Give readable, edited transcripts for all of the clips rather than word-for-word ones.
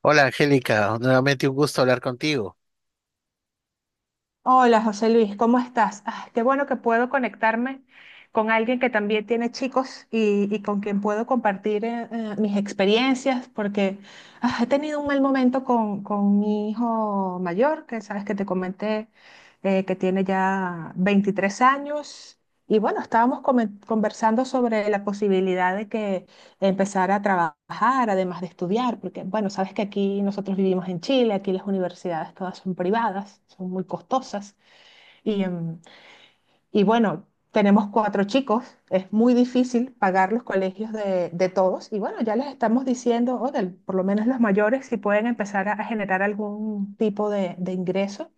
Hola Angélica, nuevamente un gusto hablar contigo. Hola José Luis, ¿cómo estás? Ah, qué bueno que puedo conectarme con alguien que también tiene chicos y con quien puedo compartir mis experiencias, porque he tenido un mal momento con mi hijo mayor, que sabes que te comenté, que tiene ya 23 años. Y bueno, estábamos conversando sobre la posibilidad de que empezar a trabajar, además de estudiar, porque bueno, sabes que aquí nosotros vivimos en Chile, aquí las universidades todas son privadas, son muy costosas y, em, y bueno, tenemos cuatro chicos, es muy difícil pagar los colegios de todos y bueno, ya les estamos diciendo, o por lo menos los mayores, si pueden empezar a generar algún tipo de ingreso,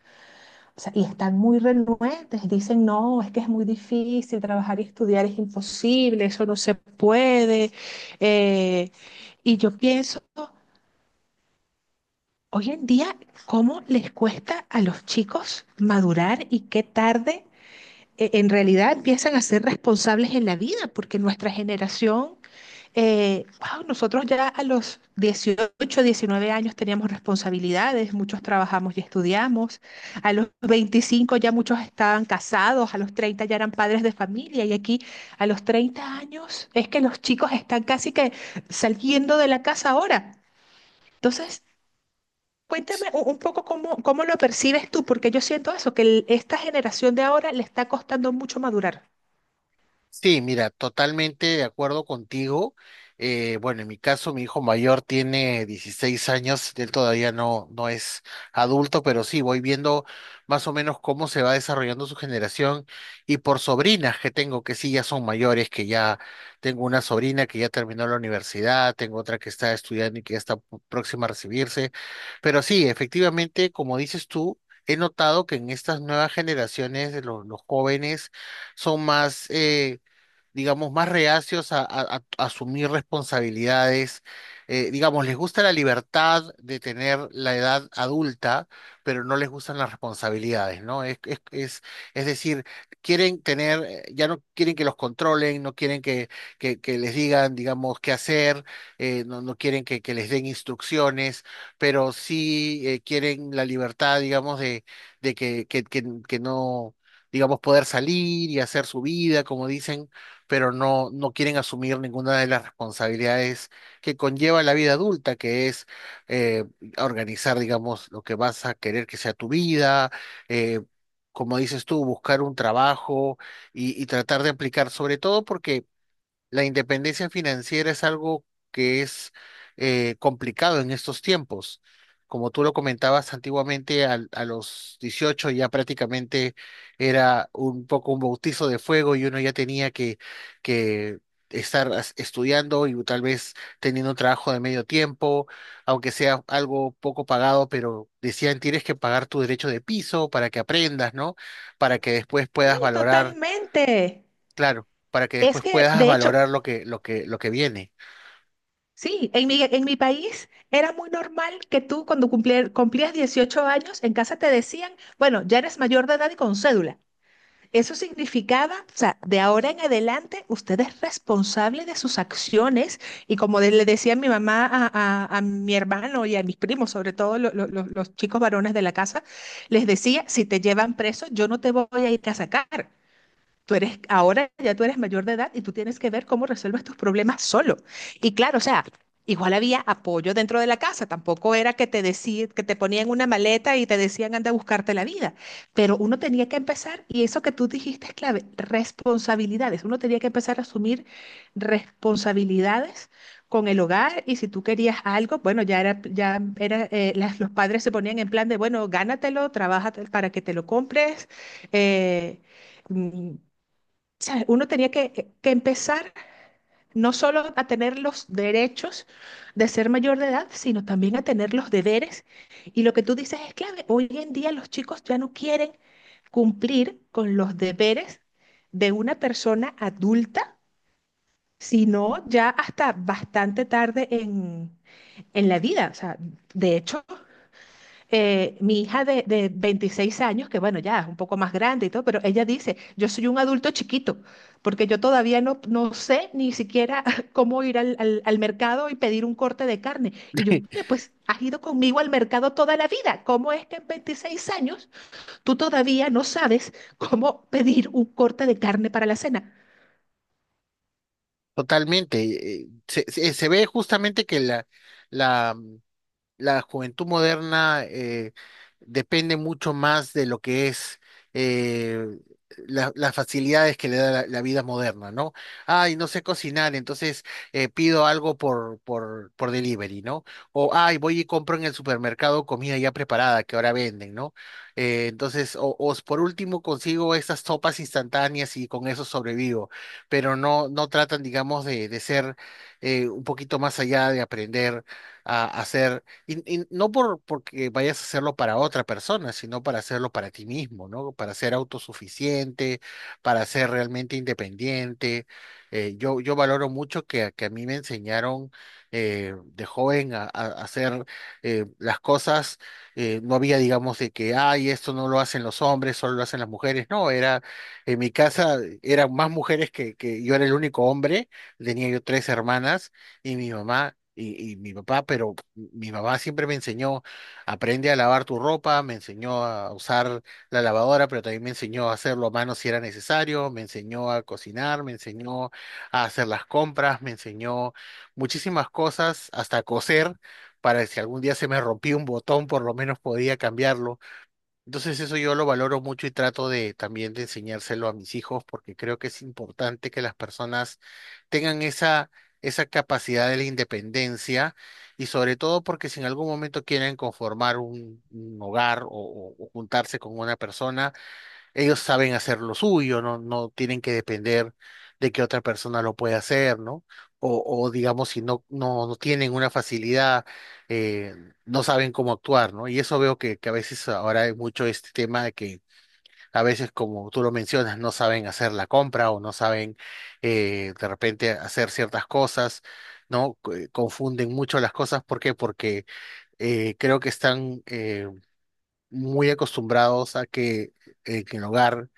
o sea, y están muy renuentes, dicen, no, es que es muy difícil trabajar y estudiar, es imposible, eso no se puede. Eh, y yo pienso, hoy en día, ¿cómo les cuesta a los chicos madurar y qué tarde en realidad empiezan a ser responsables en la vida? Porque nuestra generación, wao, nosotros ya a los 18, 19 años teníamos responsabilidades, muchos trabajamos y estudiamos, a los 25 ya muchos estaban casados, a los 30 ya eran padres de familia y aquí a los 30 años es que los chicos están casi que saliendo de la casa ahora. Entonces, cuéntame un poco cómo lo percibes tú, porque yo siento eso, que esta generación de ahora le está costando mucho madurar. Sí, mira, totalmente de acuerdo contigo. Bueno, en mi caso, mi hijo mayor tiene 16 años, él todavía no es adulto, pero sí, voy viendo más o menos cómo se va desarrollando su generación y por sobrinas que tengo, que sí, ya son mayores, que ya tengo una sobrina que ya terminó la universidad, tengo otra que está estudiando y que ya está próxima a recibirse, pero sí, efectivamente, como dices tú, he notado que en estas nuevas generaciones, los jóvenes son más... digamos, más reacios a, a asumir responsabilidades. Digamos, les gusta la libertad de tener la edad adulta, pero no les gustan las responsabilidades, ¿no? Es decir, quieren tener, ya no quieren que los controlen, no quieren que les digan, digamos, qué hacer, no quieren que les den instrucciones, pero sí quieren la libertad, digamos, de que no digamos, poder salir y hacer su vida, como dicen, pero no quieren asumir ninguna de las responsabilidades que conlleva la vida adulta, que es eh, organizar, digamos, lo que vas a querer que sea tu vida, eh, como dices tú, buscar un trabajo y tratar de aplicar, sobre todo porque la independencia financiera es algo que es complicado en estos tiempos. Como tú lo comentabas antiguamente, a los 18 ya prácticamente era un poco un bautizo de fuego y uno ya tenía que estar estudiando y tal vez teniendo un trabajo de medio tiempo, aunque sea algo poco pagado, pero decían tienes que pagar tu derecho de piso para que aprendas, ¿no? Para que después puedas Sí, valorar. totalmente. Claro, para que Es después que, puedas de hecho, valorar lo lo que viene. sí, en mi país era muy normal que tú cuando cumplías 18 años en casa te decían, bueno, ya eres mayor de edad y con cédula. Eso significaba, o sea, de ahora en adelante usted es responsable de sus acciones y como le decía mi mamá a mi hermano y a mis primos, sobre todo los chicos varones de la casa, les decía, si te llevan preso, yo no te voy a ir a sacar. Tú eres, ahora ya tú eres mayor de edad y tú tienes que ver cómo resuelves tus problemas solo. Y claro, o sea, igual había apoyo dentro de la casa, tampoco era que te decían, que te ponían una maleta y te decían anda a buscarte la vida, pero uno tenía que empezar, y eso que tú dijiste es clave, responsabilidades. Uno tenía que empezar a asumir responsabilidades con el hogar y si tú querías algo, bueno, ya era, los padres se ponían en plan de, bueno, gánatelo, trabaja para que te lo compres. eh, mm, Uno tenía que, que empezar no solo a tener los derechos de ser mayor de edad, sino también a tener los deberes. Y lo que tú dices es clave. Hoy en día los chicos ya no quieren cumplir con los deberes de una persona adulta, sino ya hasta bastante tarde en la vida. O sea, de hecho, mi hija de 26 años, que bueno, ya es un poco más grande y todo, pero ella dice, yo soy un adulto chiquito, porque yo todavía no sé ni siquiera cómo ir al mercado y pedir un corte de carne. Y yo, "Oye, pues has ido conmigo al mercado toda la vida. ¿Cómo es que en 26 años tú todavía no sabes cómo pedir un corte de carne para la cena?" Totalmente. Se ve justamente que la, la juventud moderna depende mucho más de lo que es eh, las facilidades que le da la vida moderna, ¿no? Ay, no sé cocinar, entonces pido algo por delivery, ¿no? O, ay, voy y compro en el supermercado comida ya preparada que ahora venden, ¿no? Entonces, por último consigo estas sopas instantáneas y con eso sobrevivo, pero no tratan, digamos, de ser un poquito más allá de aprender a hacer y no por porque vayas a hacerlo para otra persona, sino para hacerlo para ti mismo, ¿no? Para ser autosuficiente, para ser realmente independiente. Yo valoro mucho que a mí me enseñaron de joven a, a hacer las cosas. No había, digamos, de que, ay, esto no lo hacen los hombres, solo lo hacen las mujeres. No, era, en mi casa eran más mujeres que yo era el único hombre. Tenía yo tres hermanas y mi mamá y mi papá, pero mi mamá siempre me enseñó, aprende a lavar tu ropa, me enseñó a usar la lavadora, pero también me enseñó a hacerlo a mano si era necesario, me enseñó a cocinar, me enseñó a hacer las compras, me enseñó muchísimas cosas, hasta a coser, para que si algún día se me rompía un botón, por lo menos podía cambiarlo. Entonces eso yo lo valoro mucho y trato de también de enseñárselo a mis hijos porque creo que es importante que las personas tengan esa, esa capacidad de la independencia y sobre todo porque si en algún momento quieren conformar un hogar o o juntarse con una persona, ellos saben hacer lo suyo, no tienen que depender de que otra persona lo pueda hacer, ¿no? O digamos, si no tienen una facilidad, eh, no saben cómo actuar, ¿no? Y eso veo que a veces ahora hay mucho este tema de que a veces, como tú lo mencionas, no saben hacer la compra o no saben de repente hacer ciertas cosas, ¿no? Confunden mucho las cosas. ¿Por qué? Porque creo que están muy acostumbrados a que en el hogar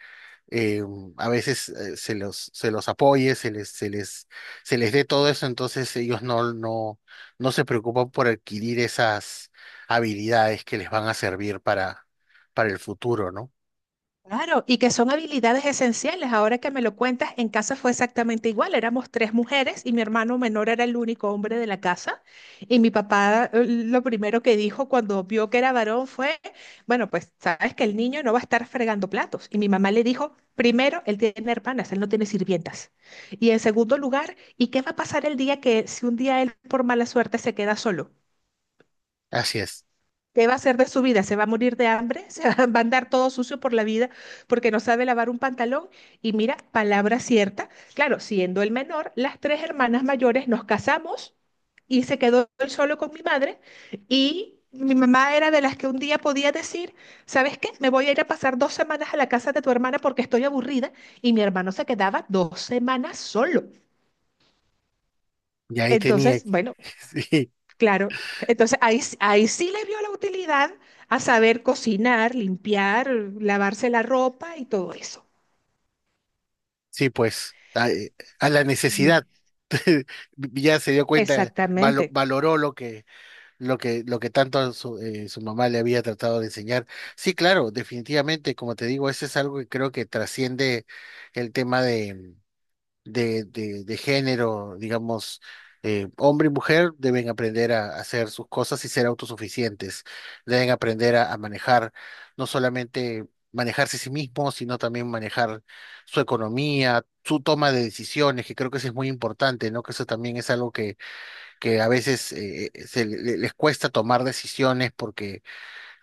eh, a veces se se los apoye, se se les dé todo eso, entonces ellos no se preocupan por adquirir esas habilidades que les van a servir para el futuro, ¿no? Claro, y que son habilidades esenciales. Ahora que me lo cuentas, en casa fue exactamente igual. Éramos tres mujeres y mi hermano menor era el único hombre de la casa. Y mi papá, lo primero que dijo cuando vio que era varón fue, bueno, pues sabes que el niño no va a estar fregando platos. Y mi mamá le dijo, primero, él tiene hermanas, él no tiene sirvientas. Y en segundo lugar, ¿y qué va a pasar el día que si un día él por mala suerte se queda solo? Así es. ¿Qué va a hacer de su vida? ¿Se va a morir de hambre? ¿Se va a andar todo sucio por la vida porque no sabe lavar un pantalón? Y mira, palabra cierta. Claro, siendo el menor, las tres hermanas mayores nos casamos y se quedó él solo con mi madre y mi mamá era de las que un día podía decir, ¿sabes qué? Me voy a ir a pasar dos semanas a la casa de tu hermana porque estoy aburrida y mi hermano se quedaba dos semanas solo. Y ahí tenía, Entonces, que... bueno. Sí, Claro, entonces ahí, ahí sí le vio la utilidad a saber cocinar, limpiar, lavarse la ropa y todo eso. sí, pues, a la Sí. necesidad. Ya se dio cuenta, Exactamente. valoró lo lo que tanto su, su mamá le había tratado de enseñar. Sí, claro, definitivamente, como te digo, ese es algo que creo que trasciende el tema de género, digamos, hombre y mujer deben aprender a hacer sus cosas y ser autosuficientes, deben aprender a manejar, no solamente manejarse a sí mismos, sino también manejar su economía, su toma de decisiones, que creo que eso es muy importante, ¿no? Que eso también es algo que a veces se les cuesta tomar decisiones porque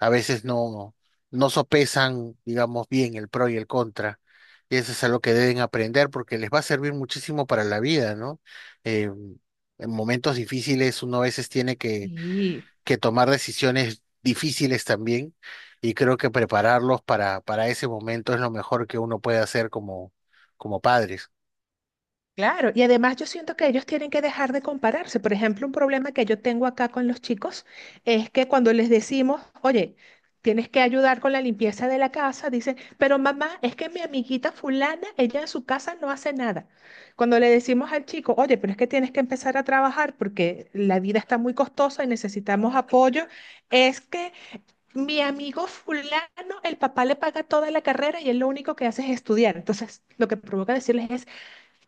a veces no sopesan, digamos, bien el pro y el contra. Y eso es algo que deben aprender porque les va a servir muchísimo para la vida, ¿no? Eh, en momentos difíciles uno a veces tiene Sí. que tomar decisiones difíciles también y creo que prepararlos para ese momento es lo mejor que uno puede hacer como, como padres. Claro, y además yo siento que ellos tienen que dejar de compararse. Por ejemplo, un problema que yo tengo acá con los chicos es que cuando les decimos, oye, tienes que ayudar con la limpieza de la casa, dicen, pero mamá, es que mi amiguita fulana, ella en su casa no hace nada. Cuando le decimos al chico, oye, pero es que tienes que empezar a trabajar porque la vida está muy costosa y necesitamos apoyo, es que mi amigo fulano, el papá le paga toda la carrera y él lo único que hace es estudiar. Entonces, lo que provoca decirles es,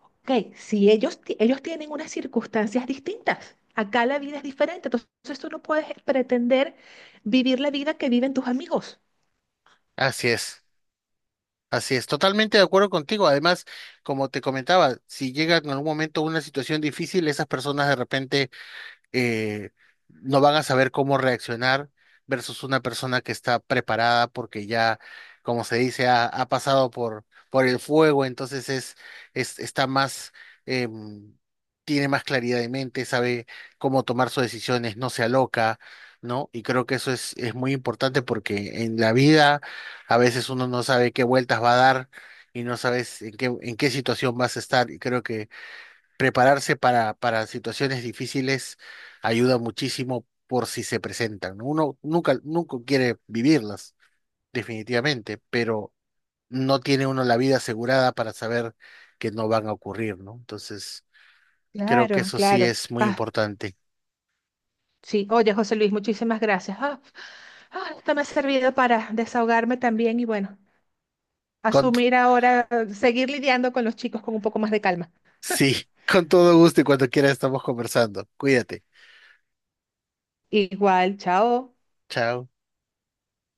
ok, si ellos, ellos tienen unas circunstancias distintas, acá la vida es diferente, entonces tú no puedes pretender vivir la vida que viven tus amigos. Así es. Así es, totalmente de acuerdo contigo. Además, como te comentaba, si llega en algún momento una situación difícil, esas personas de repente eh, no van a saber cómo reaccionar versus una persona que está preparada porque ya, como se dice, ha pasado por el fuego, entonces es está más, em, tiene más claridad de mente, sabe cómo tomar sus decisiones, no se aloca, ¿no? Y creo que eso es muy importante porque en la vida a veces uno no sabe qué vueltas va a dar. Y no sabes en qué situación vas a estar. Y creo que prepararse para situaciones difíciles ayuda muchísimo por si se presentan, ¿no? Uno nunca, nunca quiere vivirlas, definitivamente, pero no tiene uno la vida asegurada para saber que no van a ocurrir, ¿no? Entonces, creo que Claro, eso sí claro. es muy Ah, importante. sí, oye, José Luis, muchísimas gracias. Ah, esto me ha servido para desahogarme también y bueno, Con, asumir ahora, seguir lidiando con los chicos con un poco más de calma. sí, con todo gusto y cuando quiera estamos conversando. Cuídate. Igual, chao. Chao.